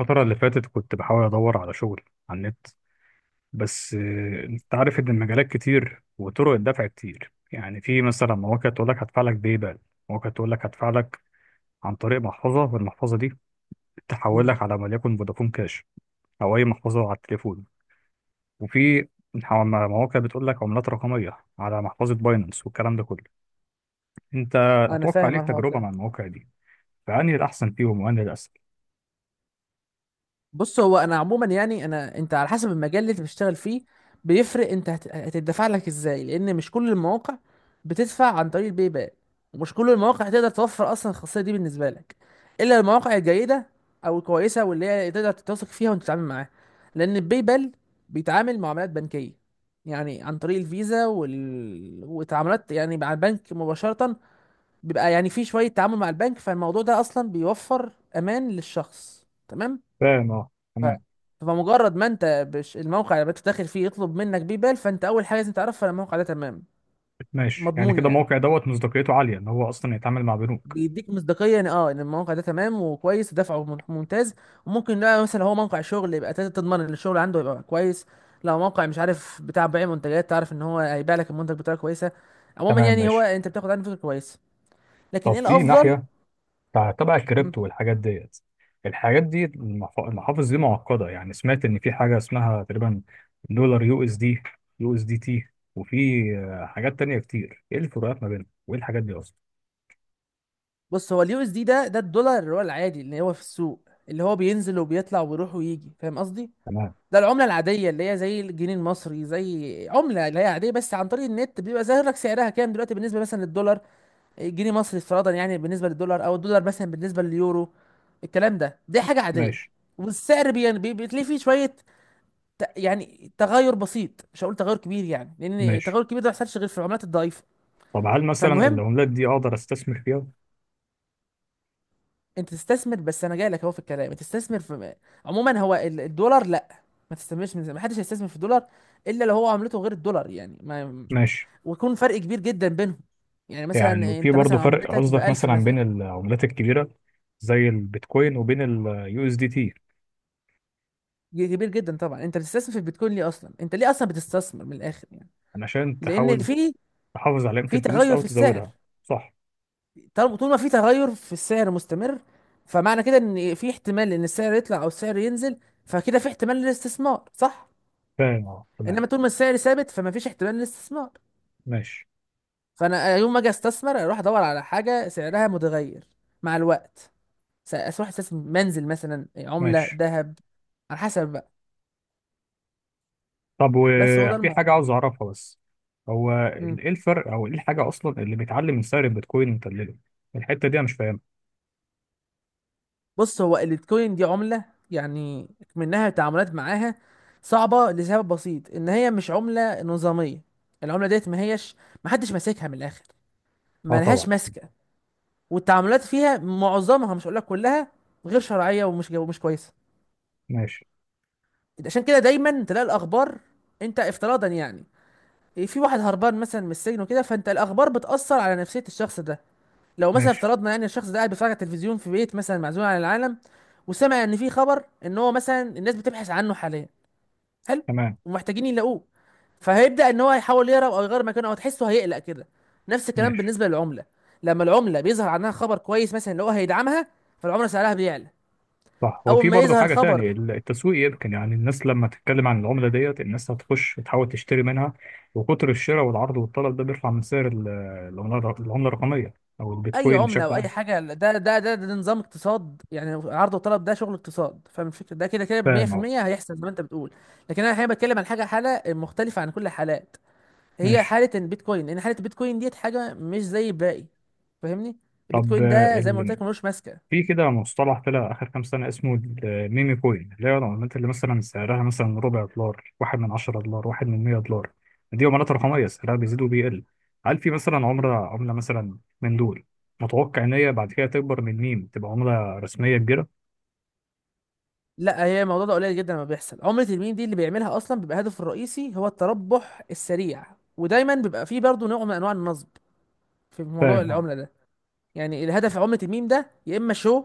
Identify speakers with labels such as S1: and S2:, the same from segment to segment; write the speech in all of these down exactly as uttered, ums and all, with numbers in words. S1: الفترة اللي فاتت كنت بحاول أدور على شغل على النت. بس آه، أنت عارف إن المجالات كتير وطرق الدفع كتير. يعني في مثلا مواقع تقول لك هدفع لك باي بال، مواقع تقول لك هدفع لك عن طريق محفظة، والمحفظة دي تحول
S2: مم.
S1: لك على وليكن فودافون كاش أو أي محفظة على التليفون. وفي ح- مواقع بتقول لك عملات رقمية على محفظة باينانس والكلام ده كله. أنت
S2: انا
S1: أتوقع
S2: فاهم أنا
S1: ليك
S2: الحوار
S1: تجربة
S2: ده.
S1: مع المواقع دي، فأنهي الأحسن فيهم وأنهي الأسهل؟
S2: بص، هو انا عموما، يعني انا انت على حسب المجال اللي انت بتشتغل فيه، بيفرق. انت هت- هتدفع لك ازاي؟ لان مش كل المواقع بتدفع عن طريق الباي بال، ومش كل المواقع هتقدر توفر اصلا الخاصيه دي بالنسبه لك، الا المواقع الجيده او الكويسه واللي هي تقدر تتوثق فيها وانت تتعامل معاها. لان الباي بال بيتعامل معاملات بنكيه، يعني عن طريق الفيزا وال... وتعاملات يعني مع البنك مباشره، بيبقى يعني في شوية تعامل مع البنك، فالموضوع ده أصلا بيوفر أمان للشخص، تمام.
S1: فاهم، أه، تمام.
S2: فمجرد ما أنت بش الموقع اللي أنت داخل فيه يطلب منك بيبال، فأنت أول حاجة لازم تعرفها إن الموقع ده تمام،
S1: ماشي، يعني
S2: مضمون
S1: كده
S2: يعني.
S1: الموقع دوت مصداقيته عالية ان هو اصلا يتعامل مع بنوك.
S2: بيديك مصداقية إن أه إن الموقع ده تمام وكويس، ودفعه من- ممتاز. وممكن لا، مثلا هو موقع شغل، يبقى تقدر تضمن إن الشغل عنده يبقى كويس. لو موقع مش عارف بتاع بيع منتجات، تعرف إن هو هيبيع لك المنتج بطريقة كويسة. عموما
S1: تمام
S2: يعني، هو
S1: ماشي.
S2: أنت بتاخد عنه فكرة كويسة. لكن
S1: طب
S2: إيه
S1: في
S2: الأفضل؟
S1: ناحية تع- تبع الكريبتو والحاجات ديت. الحاجات دي المحف- المحافظ دي معقدة. يعني سمعت ان في حاجة اسمها تقريبا دولار يو اس دي، يو اس دي تي، وفي آه، حاجات تانية كتير. ايه الفروقات ما بينهم وايه الحاجات دي اصلا؟
S2: بص، هو اليو اس دي ده، ده الدولار اللي هو العادي اللي هو في السوق، اللي هو بينزل وبيطلع ويروح ويجي. فاهم قصدي؟
S1: تمام
S2: ده العمله العاديه، اللي هي زي الجنيه المصري، زي عمله اللي هي عاديه. بس عن طريق النت بيبقى ظاهر لك سعرها كام دلوقتي، بالنسبه مثلا للدولار، جنيه مصري افتراضا يعني، بالنسبه للدولار، او الدولار مثلا بالنسبه لليورو. الكلام ده دي حاجه عاديه.
S1: ماشي.
S2: والسعر بي يعني، بي- بتلاقي فيه شويه ت- يعني تغير بسيط، مش هقول تغير كبير يعني، لان
S1: ماشي
S2: التغير الكبير ده ما بيحصلش غير في العملات الضعيفه.
S1: طب هل مثلا
S2: فالمهم،
S1: العملات دي اقدر استثمر فيها؟
S2: انت تستثمر. بس انا جاي لك اهو في الكلام، انت تستثمر في عموما، هو ال- الدولار، لا. ما تستثمرش من زمان، ما حدش هيستثمر في الدولار، الا لو هو عملته غير الدولار يعني، ما،
S1: ماشي.
S2: ويكون فرق كبير جدا بينهم. يعني
S1: يعني
S2: مثلا
S1: وفي
S2: انت مثلا
S1: برضه فرق
S2: عملتك ب
S1: قصدك
S2: ألف
S1: مثلا بين
S2: مثلا،
S1: العملات الكبيرة زي البيتكوين وبين اليو اس دي تي؟
S2: كبير جدا طبعا. انت بتستثمر في البيتكوين ليه اصلا؟ انت ليه اصلا بتستثمر من الاخر يعني؟
S1: عشان
S2: لان
S1: تحاول
S2: في
S1: تحافظ على قيمة
S2: في
S1: الفلوس
S2: تغير
S1: أو
S2: في السعر.
S1: تزودها. صح.
S2: طالما- طول ما في تغير في السعر مستمر، فمعنى كده ان في احتمال ان السعر يطلع او السعر ينزل، فكده في احتمال للاستثمار، صح؟
S1: فاهم، اه، تمام
S2: انما طول ما السعر ثابت، فما فيش احتمال للاستثمار.
S1: ماشي.
S2: فانا يوم ما اجي استثمر، اروح ادور على حاجه سعرها متغير مع الوقت، س- اروح استثمر منزل مثلا، عمله،
S1: ماشي
S2: ذهب، على حسب بقى.
S1: طب
S2: بس هو ده
S1: وفي حاجة
S2: الموضوع.
S1: عاوز أعرفها بس. هو
S2: مم.
S1: ال- إيه الفرق أو إيه الحاجة أصلا اللي بيتعلم من سعر البيتكوين ومدلله؟ الحتة دي أنا مش فاهمها.
S2: بص، هو البيتكوين دي عمله يعني، منها التعاملات معاها صعبه لسبب بسيط، ان هي مش عمله نظاميه. العمله ديت ما هيش، ما حدش ماسكها من الاخر،
S1: أه
S2: ما
S1: طبعا.
S2: لهاش ماسكه. والتعاملات فيها معظمها، مش هقول لك كلها، غير شرعيه ومش ومش كويسه.
S1: ماشي.
S2: عشان كده دايما تلاقي الاخبار، انت افتراضا يعني، في واحد هربان مثلا من السجن وكده، فانت الاخبار بتاثر على نفسيه الشخص ده. لو مثلا
S1: ماشي.
S2: افترضنا يعني الشخص ده قاعد بيتفرج على التلفزيون في بيت مثلا، معزول عن العالم، وسمع ان في خبر ان هو مثلا الناس بتبحث عنه حاليا، حلو،
S1: تمام.
S2: ومحتاجين يلاقوه، فهيبدا ان هو يحاول يهرب او يغير مكانه، او تحسه هيقلق كده. نفس الكلام
S1: ماشي.
S2: بالنسبه للعمله، لما العمله بيظهر عنها خبر كويس مثلا اللي هو هيدعمها، فالعمله سعرها بيعلى.
S1: صح. هو
S2: اول
S1: في
S2: ما
S1: برضه
S2: يظهر
S1: حاجة
S2: خبر،
S1: تانية، ال- التسويق. يمكن يعني الناس لما تتكلم عن العملة ديت الناس هتخش تحاول تشتري منها، وكتر الشراء والعرض والطلب ده بيرفع من سعر ال- العملة الر- العملة الرقمية أو
S2: اي
S1: البيتكوين
S2: عمله
S1: بشكل
S2: او اي
S1: عام.
S2: حاجه، ده ده ده, ده, ده نظام اقتصاد، يعني عرض وطلب، ده شغل اقتصاد. فاهم الفكره؟ ده كده كده
S1: فاهم أه.
S2: مية في المية. هيحصل زي ما انت بتقول. لكن انا الحقيقه بتكلم عن حاجه، حاله مختلفه عن كل الحالات، هي
S1: ماشي.
S2: حاله البيتكوين، لان حاله البيتكوين ديت حاجه مش زي الباقي. فاهمني؟
S1: طب
S2: البيتكوين
S1: آه،
S2: ده زي ما قلت
S1: ال...
S2: لك، ملوش ماسكه.
S1: في كده مصطلح طلع آخر كام سنة اسمه الميمي كوين، اللي هي العملات اللي مثلا سعرها مثلا ربع دولار، واحد من عشرة دولار، واحد من مية دولار. دي عملات رقمية سعرها بيزيد وبيقل. هل في مثلا عملة
S2: مم.
S1: عملة مثلا من دول متوقع إن هي بعد كده تكبر من ميم تبقى عملة رسمية كبيرة؟
S2: لا، هي الموضوع ده قليل جدا لما بيحصل. عملة الميم دي اللي بيعملها اصلا بيبقى هدفه الرئيسي هو التربح السريع، ودايما بيبقى فيه برضه نوع من انواع النصب في موضوع
S1: فاهم اه.
S2: العملة ده. يعني الهدف عملة الميم ده يا اما شو،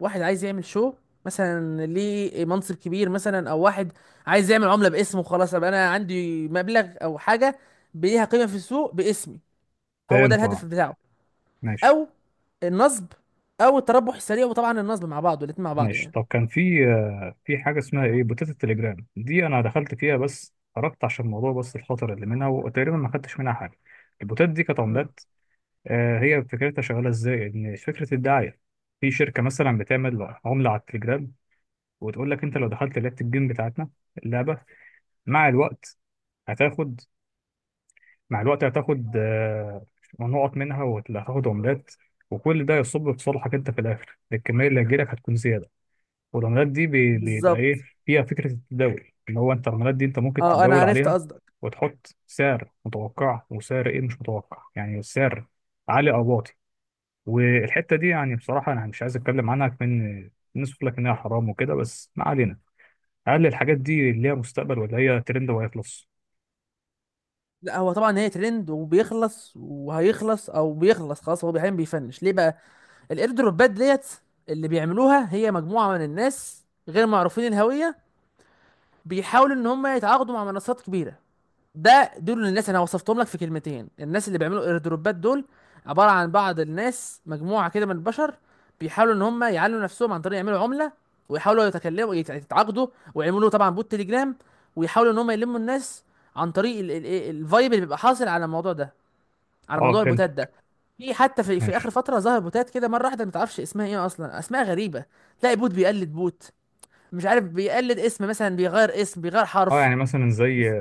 S2: واحد عايز يعمل شو مثلا ليه منصب كبير مثلا، او واحد عايز يعمل عملة باسمه، خلاص ابقى انا عندي مبلغ او حاجة ليها قيمة في السوق باسمي. هو ده
S1: فهمت اه.
S2: الهدف بتاعه.
S1: ماشي.
S2: او النصب، او التربح السريع، وطبعا النصب مع بعض، الاتنين مع بعض
S1: ماشي.
S2: يعني.
S1: طب كان في آه، في حاجة اسمها ايه، بوتات التليجرام دي. أنا دخلت فيها بس خرجت عشان الموضوع بس الخطر اللي منها، وتقريبا ما خدتش منها حاجة. البوتات دي كانت
S2: مم.
S1: عملات. آه، هي فكرتها شغاله ازاي؟ ان فكره الدعايه، في شركه مثلا بتعمل عمله على التليجرام وتقول لك انت لو دخلت لعبه الجيم بتاعتنا، اللعبه مع الوقت هتاخد مع الوقت هتاخد آه، نقط منها وهتاخد عملات، وكل ده يصب في صالحك انت في الاخر. الكميه اللي هتجيلك هتكون زياده، والعملات دي بي- بيبقى ايه
S2: بالظبط،
S1: فيها فكره التداول، ان هو انت العملات دي انت ممكن
S2: اه انا
S1: تتداول
S2: عرفت
S1: عليها
S2: قصدك.
S1: وتحط سعر متوقع وسعر ايه مش متوقع، يعني سعر عالي او واطي. والحته دي يعني بصراحه انا مش عايز اتكلم عنها كمان، الناس بتقول لك انها حرام وكده بس ما علينا. هل الحاجات دي ليها مستقبل ولا هي ترند وهيخلص؟
S2: لا، هو طبعا هي ترند وبيخلص وهيخلص، او بيخلص خلاص. هو احيانا بيفنش ليه بقى؟ الاير دروبات ديت اللي بيعملوها هي مجموعه من الناس غير معروفين الهويه، بيحاولوا ان هم يتعاقدوا مع منصات كبيره. ده دول الناس، انا وصفتهم لك في كلمتين: الناس اللي بيعملوا اير دروبات دول عباره عن بعض الناس، مجموعه كده من البشر، بيحاولوا ان هم يعلوا نفسهم عن طريق يعملوا عمله، ويحاولوا يتكلموا يت- يتعاقدوا، ويعملوا طبعا بوت تليجرام، ويحاولوا ان هم يلموا الناس عن طريق ال- ال- ال- الفايب اللي بيبقى حاصل على الموضوع ده، على
S1: اه
S2: موضوع
S1: فهمت.
S2: البوتات ده. في حتى في, في اخر
S1: ماشي
S2: فتره ظهر بوتات كده مره واحده، ما تعرفش اسمها ايه اصلا، اسماء غريبه. تلاقي بوت بيقلد بوت، مش عارف بيقلد اسم مثلا، بيغير اسم، بيغير
S1: اه.
S2: حرف.
S1: يعني مثلا زي
S2: بس-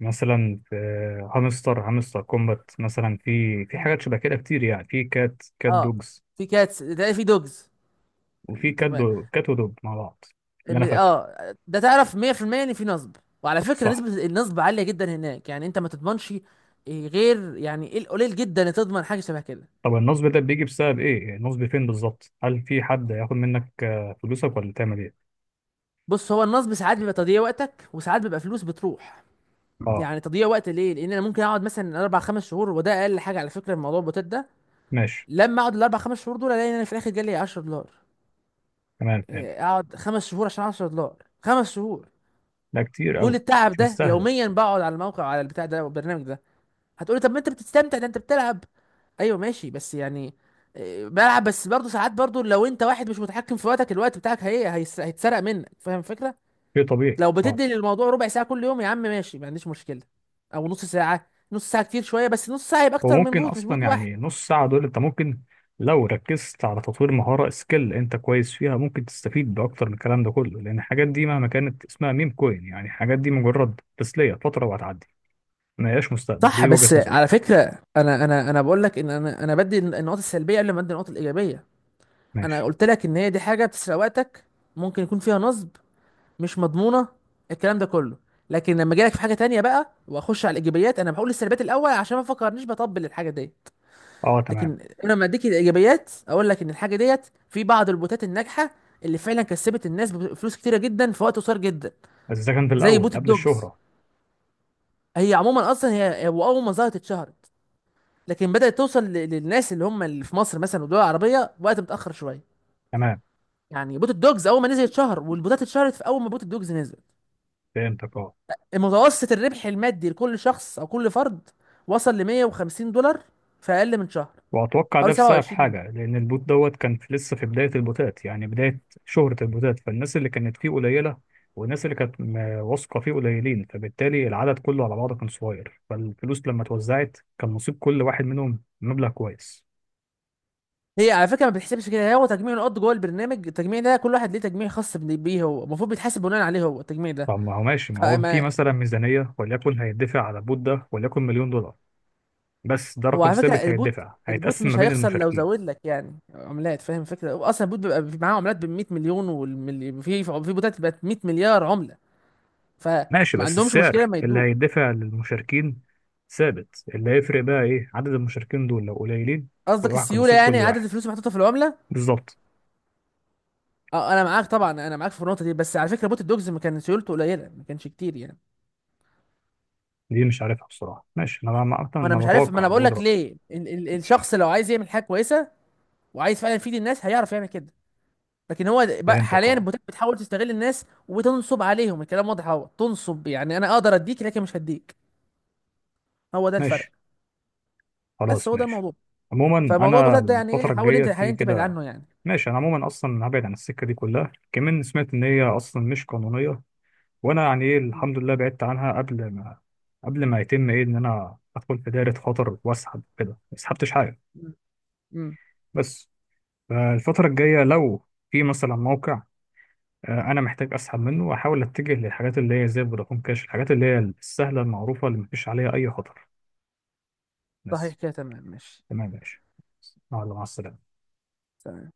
S1: مثلا آه، هامستر هامستر كومبات مثلا. في في
S2: مم.
S1: حاجات شبه كده كتير، يعني في كات كات
S2: اه،
S1: دوجز،
S2: في كاتس، تلاقي في دوجز.
S1: وفي
S2: يعني
S1: كات
S2: طب
S1: دو كات ودوج مع بعض اللي
S2: ام-
S1: انا فاكره.
S2: اه ده تعرف مية في المية ان في نصب، وعلى فكره
S1: صح.
S2: نسبه النصب عاليه جدا هناك يعني، انت ما تضمنش إيه، غير يعني ايه القليل جدا اللي تضمن حاجه شبه كده.
S1: طب النصب ده بيجي بسبب ايه؟ النصب فين بالظبط؟ هل في حد هياخد منك آه، فلوسك ولا تعمل ايه؟
S2: بص، هو النصب ساعات بيبقى تضييع وقتك، وساعات بيبقى فلوس بتروح.
S1: اه
S2: يعني تضييع وقت ليه؟ لان انا ممكن اقعد مثلا اربع خمس شهور، وده اقل حاجه على فكره في موضوع البوتات ده.
S1: ماشي.
S2: لما اقعد الاربع خمس شهور دول، الاقي ان انا في الاخر جالي عشرة دولار.
S1: تمام فهمت.
S2: إيه، اقعد خمس شهور عشان عشر دولارات؟ خمس شهور،
S1: لا كتير
S2: وكل
S1: قوي.
S2: التعب
S1: مش
S2: ده
S1: مستاهله.
S2: يوميا، بقعد على الموقع، على البتاع ده، والبرنامج ده. هتقولي طب ما انت بتستمتع، ده انت بتلعب. ايوه ماشي، بس يعني إيه، بلعب. بس برضه ساعات، برضه لو انت واحد مش متحكم في وقتك، الوقت بتاعك هي هيس- هيتسرق منك. فاهم الفكره؟
S1: شيء طبيعي
S2: لو
S1: اه.
S2: بتدي للموضوع ربع ساعة كل يوم، يا عم ماشي، ما عنديش مشكلة، او نص ساعة. نص ساعة كتير شوية، بس نص ساعة يبقى
S1: هو
S2: اكتر من
S1: ممكن
S2: بوت، مش
S1: اصلا
S2: بوت واحد.
S1: يعني نص ساعه دول انت ممكن لو ركزت على تطوير مهاره سكيل انت كويس فيها ممكن تستفيد باكتر من الكلام ده كله. لان الحاجات دي مهما كانت اسمها ميم كوين، يعني الحاجات دي مجرد تسليه فتره وهتعدي، ما هياش مستقبل.
S2: صح،
S1: دي وجهه
S2: بس
S1: نظري.
S2: على فكرة انا انا انا بقول لك ان انا انا بدي النقاط السلبية قبل ما ادي النقاط الإيجابية. انا
S1: ماشي
S2: قلت لك ان هي دي حاجة بتسرق وقتك، ممكن يكون فيها نصب، مش مضمونة، الكلام ده كله. لكن لما اجي لك في حاجة تانية بقى، واخش على الإيجابيات، انا بقول السلبيات الأول عشان ما افكرنيش بطبل الحاجة دي.
S1: اه تمام.
S2: لكن انا لما اديك الايجابيات، اقول لك ان الحاجه ديت في بعض البوتات الناجحه اللي فعلا كسبت الناس فلوس كتيره جدا في وقت قصير جدا،
S1: بس ده كان في
S2: زي
S1: الاول
S2: بوت
S1: قبل
S2: الدوجز.
S1: الشهره.
S2: هي عموما اصلا هي هو اول ما ظهرت اتشهرت، لكن بدات توصل ل- للناس اللي هم اللي في مصر مثلا والدول العربيه وقت متاخر شويه.
S1: تمام
S2: يعني بوت الدوجز اول ما نزل اتشهر، والبوتات اتشهرت في اول ما بوت الدوجز نزل.
S1: فهمتك اه.
S2: المتوسط الربح المادي لكل شخص او كل فرد وصل ل مية وخمسين دولار في اقل من شهر،
S1: وأتوقع ده
S2: حوالي
S1: بسبب
S2: سبعة وعشرين.
S1: حاجة، لأن البوت دوت كان في لسه في بداية البوتات، يعني بداية شهرة البوتات، فالناس اللي كانت فيه قليلة، والناس اللي كانت م- واثقة فيه قليلين، فبالتالي العدد كله على بعضه كان صغير، فالفلوس لما اتوزعت كان نصيب كل واحد منهم مبلغ كويس.
S2: هي على فكره ما بتحسبش كده. هو تجميع النقط جوه البرنامج، التجميع ده كل واحد ليه تجميع خاص بن- بيه، هو المفروض بيتحاسب بناء عليه، هو التجميع ده.
S1: طب ما هو ماشي ما هو في
S2: فما
S1: مثلا ميزانية وليكن هيدفع على البوت ده وليكن مليون دولار. بس ده
S2: هو
S1: رقم
S2: على فكره
S1: ثابت
S2: البوت،
S1: هيدفع،
S2: البوت
S1: هيتقسم ما
S2: مش
S1: بين
S2: هيخسر لو
S1: المشاركين.
S2: زود لك يعني عملات. فاهم فكره؟ هو اصلا البوت بيبقى في- معاه عملات ب مية مليون والملي... في في بوتات بقت مية مليار عمله. فما
S1: ماشي. بس
S2: عندهمش مشكله،
S1: السعر
S2: ما
S1: اللي
S2: يدوك.
S1: هيدفع للمشاركين ثابت، اللي هيفرق بقى ايه؟ عدد المشاركين دول لو قليلين،
S2: قصدك
S1: واحد
S2: السيوله
S1: نصيب
S2: يعني،
S1: كل
S2: عدد
S1: واحد.
S2: الفلوس المحطوطه في العمله.
S1: بالظبط.
S2: اه، انا معاك طبعا، انا معاك في النقطه دي. بس على فكره بوت الدوجز ما كان سيولته قليله، ما كانش كتير يعني.
S1: دي مش عارفها بصراحة ماشي. انا ما اصلا
S2: وانا
S1: انا
S2: مش عارف، ما
S1: بتوقع
S2: انا بقول
S1: بقول
S2: لك
S1: رأيي.
S2: ليه ال ال
S1: ماشي.
S2: الشخص لو عايز يعمل حاجه كويسه، وعايز فعلا يفيد الناس هيعرف يعمل كده. لكن هو بقى
S1: فهمتك
S2: حاليا
S1: اه.
S2: البوتات بتحاول تستغل الناس وتنصب عليهم. الكلام واضح اهو، تنصب يعني انا اقدر اديك لكن مش هديك. هو ده الفرق.
S1: ماشي
S2: بس
S1: خلاص
S2: هو ده
S1: ماشي.
S2: الموضوع.
S1: عموما
S2: فموضوع
S1: انا
S2: البوتات ده يعني ايه،
S1: الفترة
S2: حاول
S1: الجاية
S2: انت حاليا
S1: في
S2: تبعد
S1: كده.
S2: عنه يعني.
S1: ماشي. انا عموما اصلا هبعد عن السكة دي كلها، كمان سمعت ان هي اصلا مش قانونية، وانا يعني ايه الحمد لله بعدت عنها قبل ما، قبل ما يتم ايه، ان انا ادخل في دايرة خطر، واسحب كده ما سحبتش حاجة.
S2: امم
S1: بس آه، الفترة الجاية لو في مثلا موقع آه، أنا محتاج أسحب منه، وأحاول أتجه للحاجات اللي هي زي فودافون كاش، الحاجات اللي هي السهلة المعروفة اللي مفيش عليها أي خطر.
S2: صحيح
S1: بس.
S2: كده، تمام ماشي.
S1: تمام ماشي. مع مع السلامة.
S2: تمام.